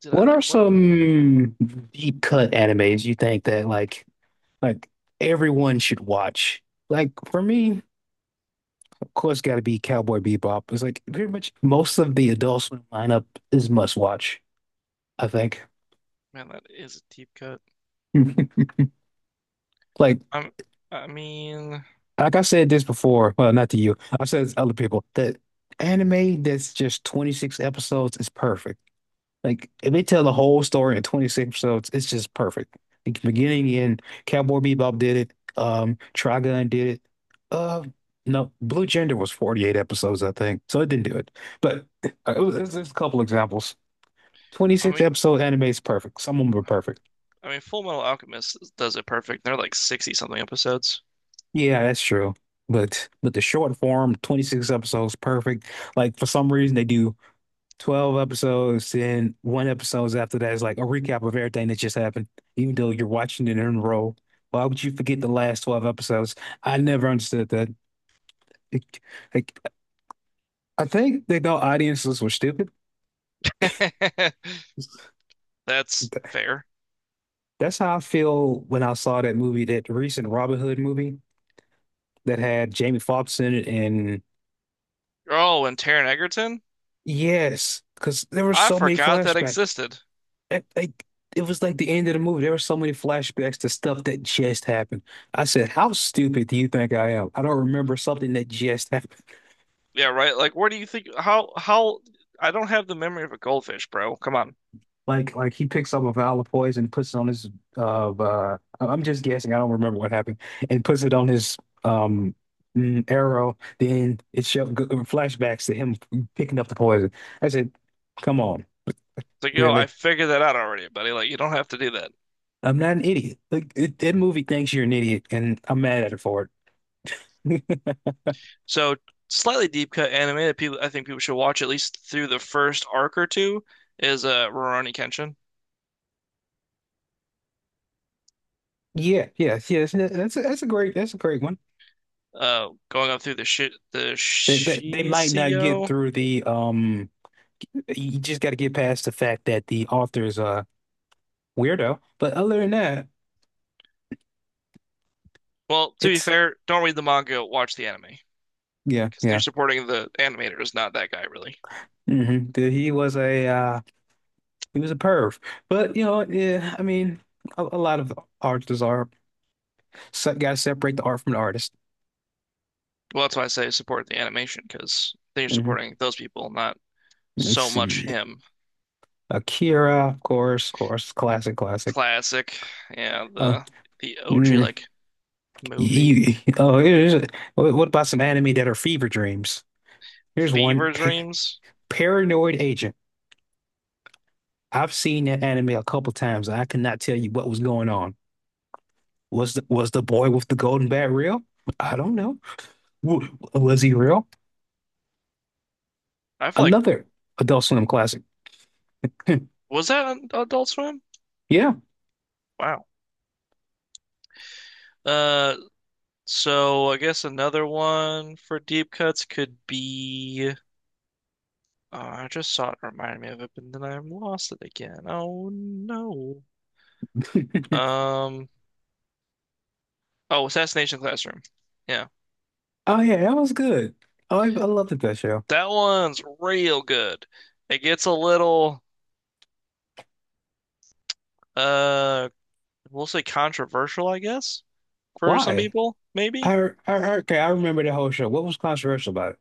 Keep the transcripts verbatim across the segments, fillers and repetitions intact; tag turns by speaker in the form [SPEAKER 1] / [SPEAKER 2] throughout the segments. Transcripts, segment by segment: [SPEAKER 1] Did I
[SPEAKER 2] What are
[SPEAKER 1] like what?
[SPEAKER 2] some deep cut animes you think that like like everyone should watch? Like for me, of course, got to be Cowboy Bebop. It's like pretty much most of the Adult Swim lineup is must watch, I think.
[SPEAKER 1] Man, that is a deep cut.
[SPEAKER 2] Like
[SPEAKER 1] I'm, I mean,
[SPEAKER 2] like I said this before, well, not to you. I've said this to other people that anime that's just twenty-six episodes is perfect. Like if they tell the whole story in twenty-six episodes, it's just perfect. The beginning and Cowboy Bebop did it. Um, Trigun did it. Uh, no, Blue Gender was forty-eight episodes, I think, so it didn't do it. But uh, it was, it's just a couple examples.
[SPEAKER 1] I
[SPEAKER 2] twenty-six
[SPEAKER 1] mean,
[SPEAKER 2] episode anime is perfect. Some of them were perfect.
[SPEAKER 1] I mean, Full Metal Alchemist does it perfect. They're like sixty something episodes.
[SPEAKER 2] Yeah, that's true. But but the short form, twenty-six episodes, perfect. Like for some reason they do. twelve episodes and one episodes after that is like a recap of everything that just happened, even though you're watching it in a row. Why would you forget the last twelve episodes? I never understood that. It- like, I think they thought audiences were stupid.
[SPEAKER 1] That's fair.
[SPEAKER 2] That's how I feel when I saw that movie, that recent Robin Hood movie that had Jamie Foxx in it. And
[SPEAKER 1] Oh, and Taron Egerton?
[SPEAKER 2] yes, because there were
[SPEAKER 1] I
[SPEAKER 2] so many
[SPEAKER 1] forgot that
[SPEAKER 2] flashbacks.
[SPEAKER 1] existed.
[SPEAKER 2] It, like it was like the end of the movie. There were so many flashbacks to stuff that just happened. I said, "How stupid do you think I am? I don't remember something that just happened."
[SPEAKER 1] Yeah, right. Like, where do you think, how, how, I don't have the memory of a goldfish, bro. Come on. It's
[SPEAKER 2] Like like he picks up a vial of poison, puts it on his uh, uh I'm just guessing. I don't remember what happened, and puts it on his um mm, arrow. Then it show g- uh, flashbacks to him picking up the poison. I said, "Come on,
[SPEAKER 1] like, yo, I
[SPEAKER 2] really?
[SPEAKER 1] figured that out already, buddy. Like, you don't have to do that.
[SPEAKER 2] I'm not an idiot. Like it, that movie thinks you're an idiot, and I'm mad at it for it."
[SPEAKER 1] So, slightly deep cut anime that people, I think people should watch at least through the first arc or two is uh, Rurouni Kenshin,
[SPEAKER 2] Yeah, yes, yes. that- That's a, that's a great that's a great one.
[SPEAKER 1] uh going up through the shi the
[SPEAKER 2] They, they, they might not get
[SPEAKER 1] Shiseo.
[SPEAKER 2] through the um. You just got to get past the fact that the author's a weirdo. But other than that,
[SPEAKER 1] Well, to be
[SPEAKER 2] it's
[SPEAKER 1] fair, don't read the manga, watch the anime
[SPEAKER 2] yeah,
[SPEAKER 1] because then you're
[SPEAKER 2] yeah.
[SPEAKER 1] supporting the animator, is not that guy really.
[SPEAKER 2] hmm He was a uh, he was a perv. But you know, yeah. I mean, a, a lot of artists are so, got to separate the art from the artist.
[SPEAKER 1] Well, that's why I say support the animation because then you're
[SPEAKER 2] hmm
[SPEAKER 1] supporting those people, not
[SPEAKER 2] Let's
[SPEAKER 1] so much
[SPEAKER 2] see,
[SPEAKER 1] him.
[SPEAKER 2] Akira, of course, of course, classic, classic.
[SPEAKER 1] Classic, yeah,
[SPEAKER 2] Uh,
[SPEAKER 1] the the O G
[SPEAKER 2] mm-hmm.
[SPEAKER 1] like movie.
[SPEAKER 2] You, oh, here's what what about some anime that are fever dreams? Here's one,
[SPEAKER 1] Fever
[SPEAKER 2] pa
[SPEAKER 1] Dreams.
[SPEAKER 2] Paranoid Agent. I've seen that anime a couple times. I cannot tell you what was going on. Was the was the boy with the golden bat real? I don't know. W Was he real?
[SPEAKER 1] I feel like,
[SPEAKER 2] Another Adult Swim classic.
[SPEAKER 1] was that on Adult Swim?
[SPEAKER 2] Yeah.
[SPEAKER 1] Wow. Uh, so I guess another one for deep cuts could be, oh, I just saw it and reminded me of it, but then I've lost it again. Oh no. Um, oh, Assassination Classroom. Yeah.
[SPEAKER 2] Oh yeah, that was good. Oh, I I loved that show.
[SPEAKER 1] That one's real good. It gets a little uh we'll say controversial, I guess, for some
[SPEAKER 2] Why?
[SPEAKER 1] people, maybe.
[SPEAKER 2] I, I okay, I remember the whole show. What was controversial about it?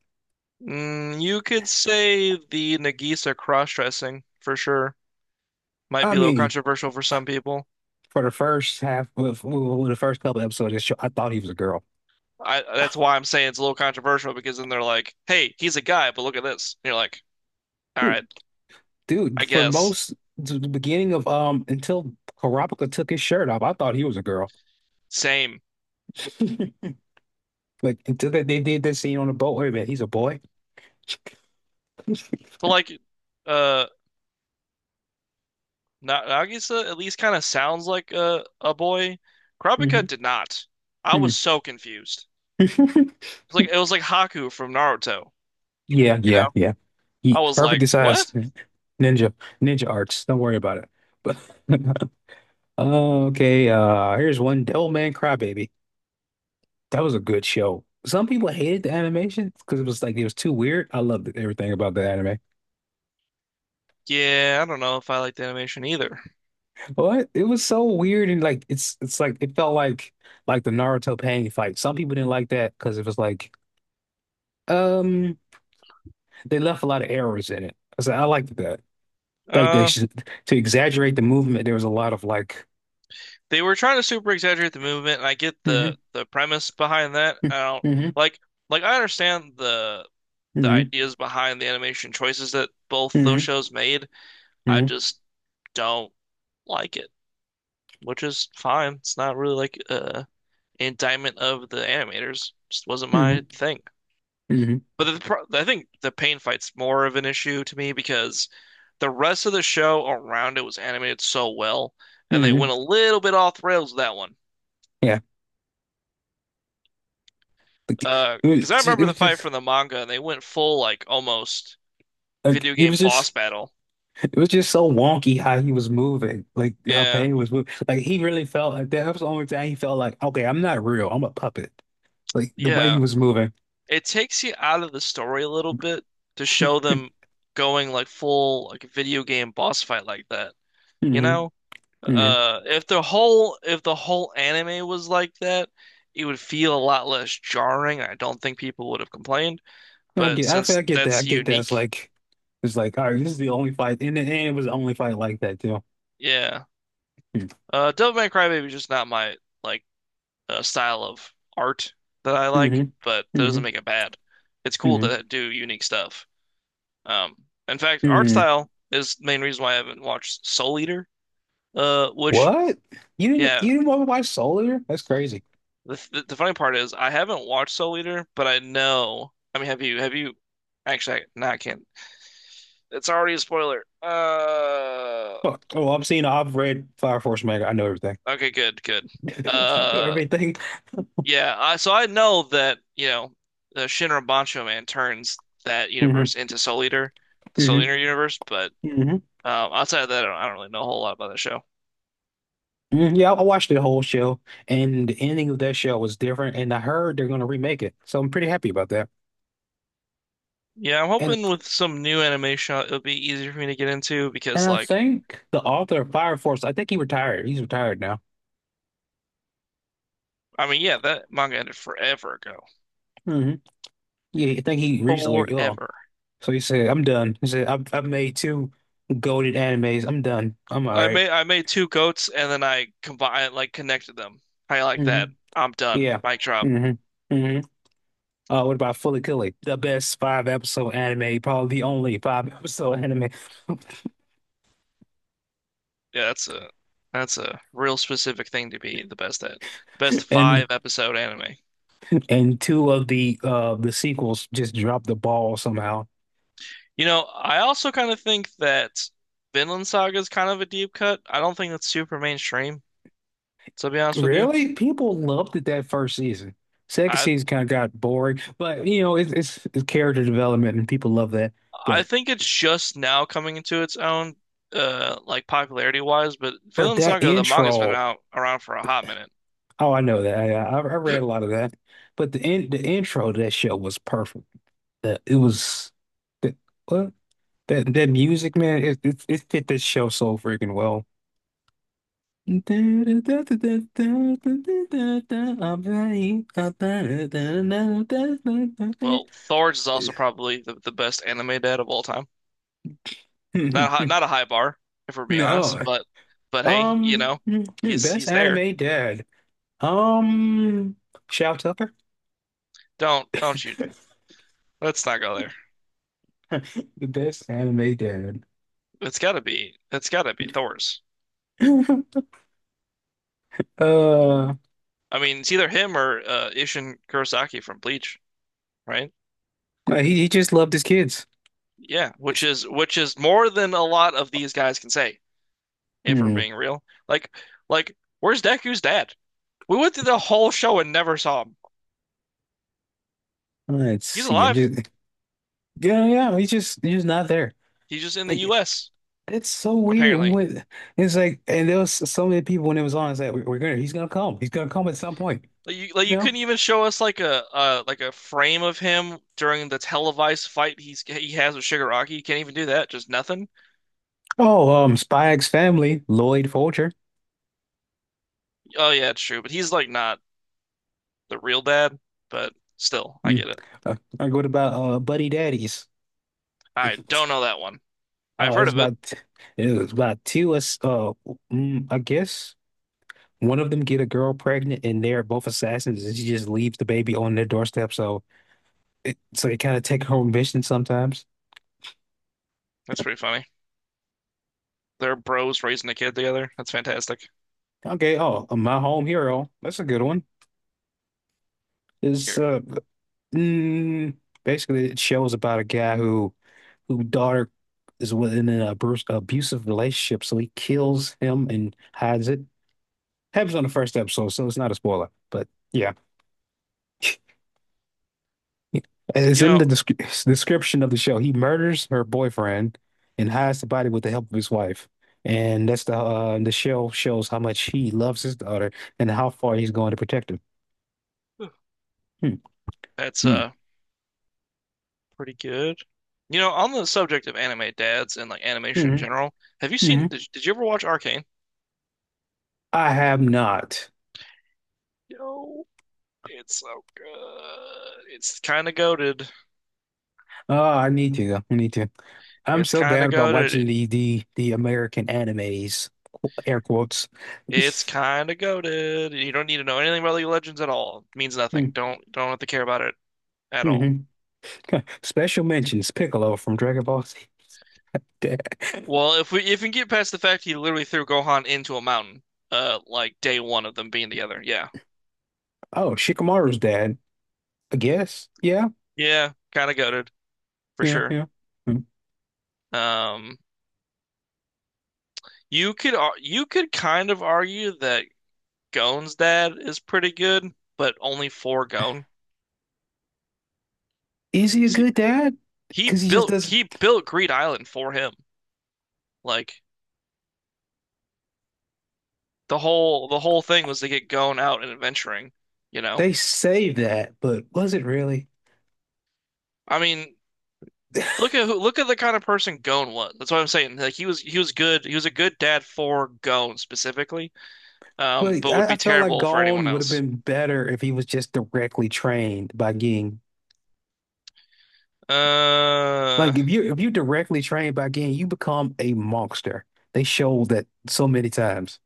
[SPEAKER 1] Mm, you could say the Nagisa cross-dressing for sure might
[SPEAKER 2] I
[SPEAKER 1] be a little
[SPEAKER 2] mean,
[SPEAKER 1] controversial for some people.
[SPEAKER 2] for the first half, well, for well, the first couple episodes of the show, I thought he was a girl.
[SPEAKER 1] I That's why I'm saying it's a little controversial because then they're like, "Hey, he's a guy, but look at this." And you're like, "All
[SPEAKER 2] Dude,
[SPEAKER 1] right,
[SPEAKER 2] dude,
[SPEAKER 1] I
[SPEAKER 2] for
[SPEAKER 1] guess."
[SPEAKER 2] most the the beginning of um until Karapika took his shirt off, I thought he was a girl.
[SPEAKER 1] Same.
[SPEAKER 2] Like until they, they did that scene on the boat. Wait a minute, he's a boy.
[SPEAKER 1] But like, uh Na Nagisa at least kind of sounds like a a boy. Kurapika
[SPEAKER 2] Mhm.
[SPEAKER 1] did not. I was so confused. It was like, it was like Haku from Naruto,
[SPEAKER 2] Yeah,
[SPEAKER 1] you
[SPEAKER 2] yeah,
[SPEAKER 1] know?
[SPEAKER 2] yeah. He
[SPEAKER 1] I was
[SPEAKER 2] perfect
[SPEAKER 1] like,
[SPEAKER 2] decides
[SPEAKER 1] "What?"
[SPEAKER 2] ninja ninja arts. Don't worry about it. But okay, uh here's one Devil Man Crybaby. That was a good show. Some people hated the animation because it was like it was too weird. I loved everything about the anime.
[SPEAKER 1] Yeah, I don't know if I like the animation either.
[SPEAKER 2] What? It was so weird and like it's it's like it felt like like the Naruto Pain fight. Some people didn't like that because it was like um they left a lot of errors in it. So I liked that. Like they
[SPEAKER 1] Uh
[SPEAKER 2] should to exaggerate the movement. There was a lot of like
[SPEAKER 1] they were trying to super exaggerate the movement and I get
[SPEAKER 2] hmm
[SPEAKER 1] the the premise behind that. I don't
[SPEAKER 2] hmm
[SPEAKER 1] like like I understand the the
[SPEAKER 2] hmm
[SPEAKER 1] ideas behind the animation choices that both those
[SPEAKER 2] hmm
[SPEAKER 1] shows made. I
[SPEAKER 2] hmm
[SPEAKER 1] just don't like it, which is fine. It's not really like uh, an indictment of the animators. Just wasn't my
[SPEAKER 2] hmm
[SPEAKER 1] thing.
[SPEAKER 2] hmm
[SPEAKER 1] But the, pro I think the pain fight's more of an issue to me because the rest of the show around it was animated so well, and they
[SPEAKER 2] hmm
[SPEAKER 1] went a little bit off the rails with that one.
[SPEAKER 2] yeah. Like,
[SPEAKER 1] Uh,
[SPEAKER 2] it was
[SPEAKER 1] because I
[SPEAKER 2] just, it
[SPEAKER 1] remember
[SPEAKER 2] was
[SPEAKER 1] the fight
[SPEAKER 2] just
[SPEAKER 1] from the manga, and they went full like almost
[SPEAKER 2] like
[SPEAKER 1] video
[SPEAKER 2] it
[SPEAKER 1] game
[SPEAKER 2] was just
[SPEAKER 1] boss battle.
[SPEAKER 2] it was just so wonky how he was moving. Like how
[SPEAKER 1] Yeah,
[SPEAKER 2] Pain was moving. Like he really felt like that. That was the only time he felt like okay, I'm not real. I'm a puppet. Like the way he
[SPEAKER 1] yeah.
[SPEAKER 2] was moving.
[SPEAKER 1] It takes you out of the story a little bit to show them going like full like video game boss fight like that. You
[SPEAKER 2] hmm
[SPEAKER 1] know?
[SPEAKER 2] hmm
[SPEAKER 1] Uh, if the whole if the whole anime was like that, it would feel a lot less jarring. I don't think people would have complained.
[SPEAKER 2] I
[SPEAKER 1] But
[SPEAKER 2] get, I, feel-
[SPEAKER 1] since
[SPEAKER 2] I get that. I
[SPEAKER 1] that's
[SPEAKER 2] get that. It's
[SPEAKER 1] unique,
[SPEAKER 2] like, it's like, all right, this is the only fight, and, it- and it was the only fight like that too.
[SPEAKER 1] yeah. Uh, Devil May Cry Baby is just not my like, uh, style of art that I like,
[SPEAKER 2] Mm-hmm.
[SPEAKER 1] but that doesn't
[SPEAKER 2] hmm
[SPEAKER 1] make it bad. It's cool
[SPEAKER 2] hmm
[SPEAKER 1] to do unique stuff. Um, in fact, art
[SPEAKER 2] hmm
[SPEAKER 1] style is the main reason why I haven't watched Soul Eater. Uh, which,
[SPEAKER 2] What? You didn't,
[SPEAKER 1] yeah.
[SPEAKER 2] you didn't want to watch Soldier? That's crazy.
[SPEAKER 1] The, the, the funny part is I haven't watched Soul Eater, but I know. I mean, have you? Have you? Actually, I, no, I can't. It's already a spoiler. Uh,
[SPEAKER 2] Fuck. Oh, I've seen, I've read Fire Force manga. I know everything.
[SPEAKER 1] okay, good, good.
[SPEAKER 2] I know
[SPEAKER 1] Uh,
[SPEAKER 2] everything.
[SPEAKER 1] yeah. I, so I know that you know, uh, Shinra Bancho Man turns that universe
[SPEAKER 2] hmm
[SPEAKER 1] into Soul Eater, the Soul
[SPEAKER 2] hmm
[SPEAKER 1] Eater universe. But
[SPEAKER 2] hmm
[SPEAKER 1] um, outside of that, I don't, I don't really know a whole lot about that show.
[SPEAKER 2] hmm Yeah, I watched the whole show, and the ending of that show was different. And I heard they're gonna remake it, so I'm pretty happy about that.
[SPEAKER 1] Yeah, I'm
[SPEAKER 2] And
[SPEAKER 1] hoping with some new animation, it'll be easier for me to get into
[SPEAKER 2] And
[SPEAKER 1] because,
[SPEAKER 2] I
[SPEAKER 1] like,
[SPEAKER 2] think the author of Fire Force, I think he retired. He's retired now.
[SPEAKER 1] I mean, yeah, that manga ended forever ago,
[SPEAKER 2] hmm Yeah, I think he recently. Oh,
[SPEAKER 1] forever.
[SPEAKER 2] so he said, "I'm done." He said, "I've I've made two goated animes. I'm done. I'm all
[SPEAKER 1] I
[SPEAKER 2] right."
[SPEAKER 1] made I made two goats and then I combined, like, connected them. I like that.
[SPEAKER 2] Mm-hmm.
[SPEAKER 1] I'm done.
[SPEAKER 2] Yeah.
[SPEAKER 1] Mic drop.
[SPEAKER 2] hmm hmm Uh, what about Follicular? The best five episode anime, probably the only five episode anime,
[SPEAKER 1] Yeah, that's a, that's a real specific thing to be the best at. Best
[SPEAKER 2] and
[SPEAKER 1] five episode anime.
[SPEAKER 2] and two of the uh the sequels just dropped the ball somehow.
[SPEAKER 1] You know, I also kind of think that Vinland Saga is kind of a deep cut. I don't think that's super mainstream, to be honest with you.
[SPEAKER 2] Really? People loved it that first season. Second
[SPEAKER 1] I
[SPEAKER 2] season kind of got boring, but you know, it's, it's it's character development and people love that.
[SPEAKER 1] I
[SPEAKER 2] But
[SPEAKER 1] think it's just now coming into its own, uh, like popularity wise. But
[SPEAKER 2] but
[SPEAKER 1] Vinland
[SPEAKER 2] that
[SPEAKER 1] Saga, the manga's been
[SPEAKER 2] intro,
[SPEAKER 1] out around for a hot minute.
[SPEAKER 2] oh, I know that. I, I, I read a lot of that. But the in, the intro to that show was perfect. The, it was the what that that music, man, it it, it fit this show so freaking well. I'm ready.
[SPEAKER 1] Well, Thor's is also probably the, the best anime dad of all time. Not a high, not a high bar, if we're being honest,
[SPEAKER 2] No,
[SPEAKER 1] but but hey, you
[SPEAKER 2] Um,
[SPEAKER 1] know,
[SPEAKER 2] hmm,
[SPEAKER 1] he's
[SPEAKER 2] best
[SPEAKER 1] he's there.
[SPEAKER 2] anime dad. Um, Shao Tucker.
[SPEAKER 1] Don't don't you? Let's not go there.
[SPEAKER 2] The best anime dad.
[SPEAKER 1] It's gotta be, it's gotta be Thor's.
[SPEAKER 2] Uh,
[SPEAKER 1] I mean, it's either him or uh, Isshin Kurosaki from Bleach, right?
[SPEAKER 2] he he just loved his kids.
[SPEAKER 1] Yeah, which is, which is more than a lot of these guys can say, if we're
[SPEAKER 2] Hmm.
[SPEAKER 1] being real. Like like, where's Deku's dad? We went through the whole show and never saw him.
[SPEAKER 2] Let's
[SPEAKER 1] He's
[SPEAKER 2] see. I'm
[SPEAKER 1] alive.
[SPEAKER 2] just yeah, yeah. He's just he's just not there.
[SPEAKER 1] He's just in the
[SPEAKER 2] Like
[SPEAKER 1] U S
[SPEAKER 2] it's so weird. We
[SPEAKER 1] apparently.
[SPEAKER 2] went. It's like and there was so many people when it was on. It's like we- we're gonna he's gonna come. He's gonna come at some point.
[SPEAKER 1] Like you, like
[SPEAKER 2] You
[SPEAKER 1] you
[SPEAKER 2] know?
[SPEAKER 1] couldn't even show us like a uh like a frame of him during the televised fight he's he has with Shigaraki. You can't even do that. Just nothing.
[SPEAKER 2] Oh, um, Spy X Family, Lloyd Folger.
[SPEAKER 1] Oh yeah, it's true. But he's like not the real dad. But still, I
[SPEAKER 2] Mm.
[SPEAKER 1] get it.
[SPEAKER 2] Uh, uh, what about uh Buddy Daddies? Uh,
[SPEAKER 1] I don't know that one. I've heard
[SPEAKER 2] it's
[SPEAKER 1] of it.
[SPEAKER 2] about it's about two us uh mm, I guess one of them get a girl pregnant and they're both assassins and she just leaves the baby on their doorstep so it so they kind of take home mission sometimes.
[SPEAKER 1] That's pretty funny. They're bros raising a kid together. That's fantastic.
[SPEAKER 2] Okay, oh uh, My Home Hero. That's a good one. It's
[SPEAKER 1] Here,
[SPEAKER 2] uh mm, basically it shows about a guy who who daughter is within an abus abusive relationship so he kills him and hides it. Happens on the first episode so it's not a spoiler, but yeah. It's
[SPEAKER 1] you
[SPEAKER 2] in the
[SPEAKER 1] know,
[SPEAKER 2] descri description of the show. He murders her boyfriend and hides the body with the help of his wife. And that's the uh, the show shows how much he loves his daughter and how far he's going to protect her. Hmm,
[SPEAKER 1] that's
[SPEAKER 2] hmm,
[SPEAKER 1] uh pretty good. You know, on the subject of anime dads and like animation in
[SPEAKER 2] hmm,
[SPEAKER 1] general, have you
[SPEAKER 2] hmm.
[SPEAKER 1] seen? Did, did you ever watch Arcane?
[SPEAKER 2] I have not.
[SPEAKER 1] No. It's so good. It's kind of goaded.
[SPEAKER 2] Oh, I need to. I need to. I'm
[SPEAKER 1] It's
[SPEAKER 2] so
[SPEAKER 1] kind
[SPEAKER 2] bad
[SPEAKER 1] of
[SPEAKER 2] about watching
[SPEAKER 1] goaded.
[SPEAKER 2] the the the American animes, qu- air quotes.
[SPEAKER 1] It's kind of goaded. You don't need to know anything about League of Legends at all. It means
[SPEAKER 2] Hmm,
[SPEAKER 1] nothing. Don't don't have to care about it at all.
[SPEAKER 2] hmm. Special mentions Piccolo from Dragon Ball Z. Dad.
[SPEAKER 1] Well, if we if we get past the fact he literally threw Gohan into a mountain, uh, like day one of them being together, yeah,
[SPEAKER 2] Oh, Shikamaru's dad. I guess. Yeah.
[SPEAKER 1] yeah, kind of goaded for
[SPEAKER 2] Yeah.
[SPEAKER 1] sure.
[SPEAKER 2] Yeah. Mm.
[SPEAKER 1] Um, you could ar- you could kind of argue that Gon's dad is pretty good, but only for Gon.
[SPEAKER 2] Is he a
[SPEAKER 1] See,
[SPEAKER 2] good dad?
[SPEAKER 1] he
[SPEAKER 2] Because he just
[SPEAKER 1] built
[SPEAKER 2] doesn't.
[SPEAKER 1] he built Greed Island for him. Like the whole the whole thing was to get Gon out and adventuring, you know.
[SPEAKER 2] They say that, but was it really?
[SPEAKER 1] I mean, look at who, look at the kind of person Gon was. That's what I'm saying. Like he was, he was good. He was a good dad for Gon specifically, um,
[SPEAKER 2] But
[SPEAKER 1] but would
[SPEAKER 2] I, I
[SPEAKER 1] be
[SPEAKER 2] felt like
[SPEAKER 1] terrible for anyone
[SPEAKER 2] Gone would have
[SPEAKER 1] else.
[SPEAKER 2] been better if he was just directly trained by Ging.
[SPEAKER 1] Uh,
[SPEAKER 2] Like if you if you directly trained by Ging, you become a monster. They showed that so many times.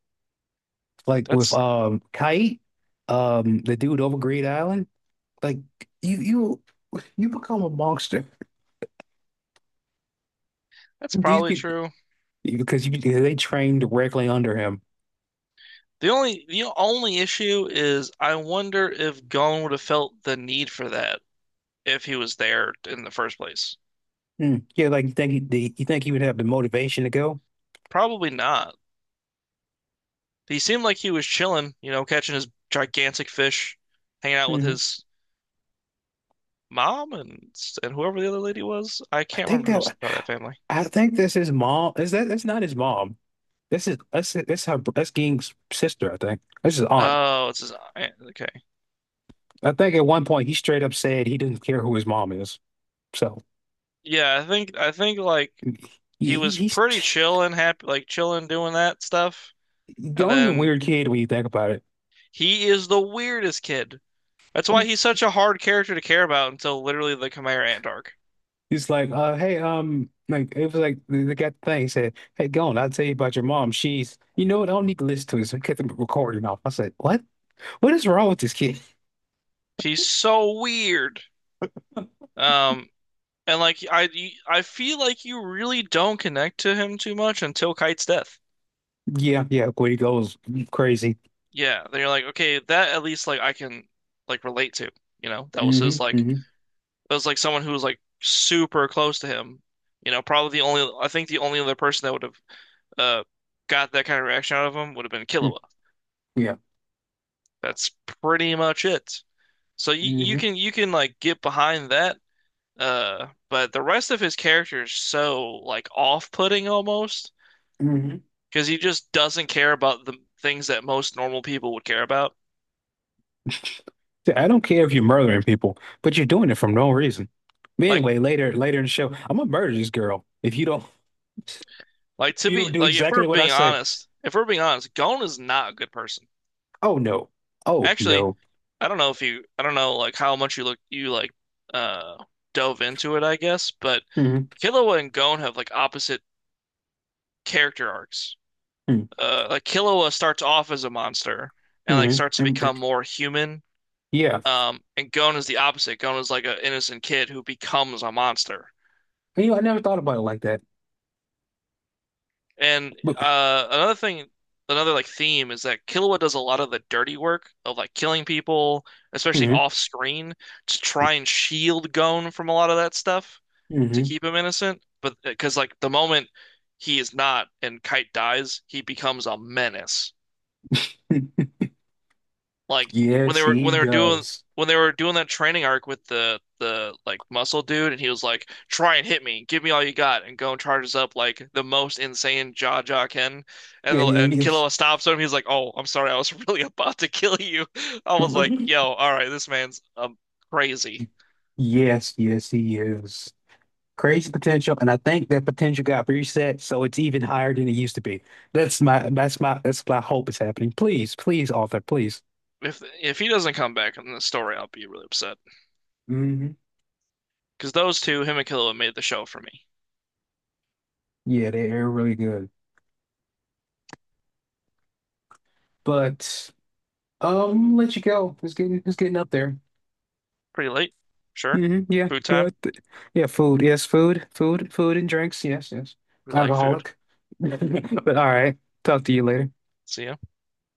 [SPEAKER 2] Like with
[SPEAKER 1] that's
[SPEAKER 2] um Kite, um the dude over Great Island. Like you you you become a monster.
[SPEAKER 1] that's
[SPEAKER 2] These
[SPEAKER 1] probably
[SPEAKER 2] people
[SPEAKER 1] true.
[SPEAKER 2] because you they train directly under him.
[SPEAKER 1] The only the only issue is I wonder if Gon would have felt the need for that if he was there in the first place.
[SPEAKER 2] Mm. Yeah, like you think he, the, you think he would have the motivation to go?
[SPEAKER 1] Probably not. He seemed like he was chilling, you know, catching his gigantic fish, hanging out with
[SPEAKER 2] hmm
[SPEAKER 1] his mom and and whoever the other lady was. I
[SPEAKER 2] I
[SPEAKER 1] can't
[SPEAKER 2] think
[SPEAKER 1] remember who's
[SPEAKER 2] that
[SPEAKER 1] part of that family.
[SPEAKER 2] I think this is mom. Is that that's not his mom? This is that's that's her that's Ging's sister. I think this is aunt.
[SPEAKER 1] Oh, it's his aunt. Okay.
[SPEAKER 2] I think at one point he straight up said he didn't care who his mom is. So
[SPEAKER 1] Yeah, I think I think like he
[SPEAKER 2] he, he
[SPEAKER 1] was
[SPEAKER 2] he's
[SPEAKER 1] pretty chill and happy, like chilling doing that stuff. And
[SPEAKER 2] Gong's a
[SPEAKER 1] then
[SPEAKER 2] weird kid when you think about it.
[SPEAKER 1] he is the weirdest kid. That's why he's such a hard character to care about until literally the Khmer Ant arc.
[SPEAKER 2] He's like, uh, hey, um, like it was like they they got the thing. He said, hey, Gong, I'll tell you about your mom. She's, you know what? I don't need to listen to this. I kept the recording off. I said, what? What is wrong with this kid?
[SPEAKER 1] He's so weird. Um, And like I I feel like you really don't connect to him too much until Kite's death.
[SPEAKER 2] Yeah, yeah, Quiddy goes crazy.
[SPEAKER 1] Yeah, then you're like, okay, that at least like I can like relate to, you know? That was
[SPEAKER 2] hmm
[SPEAKER 1] his like,
[SPEAKER 2] hmm
[SPEAKER 1] that was like someone who was like super close to him. You know, probably the only, I think the only other person that would have uh got that kind of reaction out of him would have been Killua.
[SPEAKER 2] Yeah.
[SPEAKER 1] That's pretty much it. So you you
[SPEAKER 2] hmm
[SPEAKER 1] can, you can like get behind that, uh but the rest of his character is so like off-putting almost
[SPEAKER 2] hmm
[SPEAKER 1] because he just doesn't care about the things that most normal people would care about.
[SPEAKER 2] I don't care if you're murdering people, but you're doing it for no reason. But
[SPEAKER 1] Like,
[SPEAKER 2] anyway, later, later in the show, I'm gonna murder this girl if you don't, if
[SPEAKER 1] like, to
[SPEAKER 2] you don't
[SPEAKER 1] be
[SPEAKER 2] do
[SPEAKER 1] like, if we're
[SPEAKER 2] exactly what I
[SPEAKER 1] being
[SPEAKER 2] say.
[SPEAKER 1] honest, if we're being honest, Gon is not a good person.
[SPEAKER 2] Oh no. Oh
[SPEAKER 1] Actually,
[SPEAKER 2] no.
[SPEAKER 1] I don't know if you, I don't know like how much you look, you like, uh, dove into it, I guess. But
[SPEAKER 2] hmm
[SPEAKER 1] Killua and Gon have like opposite character arcs.
[SPEAKER 2] hmm
[SPEAKER 1] Uh, like Killua starts off as a monster and like
[SPEAKER 2] hmm
[SPEAKER 1] starts to
[SPEAKER 2] And,
[SPEAKER 1] become more human.
[SPEAKER 2] yeah.
[SPEAKER 1] Um, and Gon is the opposite. Gon is like an innocent kid who becomes a monster.
[SPEAKER 2] You know, I never thought about it like that.
[SPEAKER 1] And
[SPEAKER 2] But
[SPEAKER 1] uh, another thing, another like theme is that Killua does a lot of the dirty work of like killing people, especially
[SPEAKER 2] hmm
[SPEAKER 1] off screen, to try and shield Gon from a lot of that stuff to
[SPEAKER 2] hmm
[SPEAKER 1] keep him innocent. But because like the moment he is not and Kite dies, he becomes a menace, like when they
[SPEAKER 2] Yes,
[SPEAKER 1] were
[SPEAKER 2] he
[SPEAKER 1] when they were doing
[SPEAKER 2] does.
[SPEAKER 1] when they were doing that training arc with the the like muscle dude and he was like, try and hit me, give me all you got, and go and charges up like the most insane jaw jaw can, and
[SPEAKER 2] Yeah,
[SPEAKER 1] the, and
[SPEAKER 2] he is.
[SPEAKER 1] Killua stops him, he's like, oh, I'm sorry, I was really about to kill you. I was like, yo, all right, this man's, um crazy.
[SPEAKER 2] Yes, yes, he is. Crazy potential, and I think that potential got reset, so it's even higher than it used to be. That's my that's my that's my hope is happening. Please, please, author, please.
[SPEAKER 1] If if he doesn't come back in the story, I'll be really upset,
[SPEAKER 2] hmm
[SPEAKER 1] because those two, him and Killua, made the show for me.
[SPEAKER 2] Yeah, they're really good. But um, let you go. It's getting it's getting up there.
[SPEAKER 1] Pretty late. Sure.
[SPEAKER 2] hmm Yeah,
[SPEAKER 1] Food
[SPEAKER 2] yeah,
[SPEAKER 1] time.
[SPEAKER 2] th- yeah. Food, yes, food, food, food and drinks. Yes, yes.
[SPEAKER 1] We like food.
[SPEAKER 2] Alcoholic. But all right. Talk to you later.
[SPEAKER 1] See ya.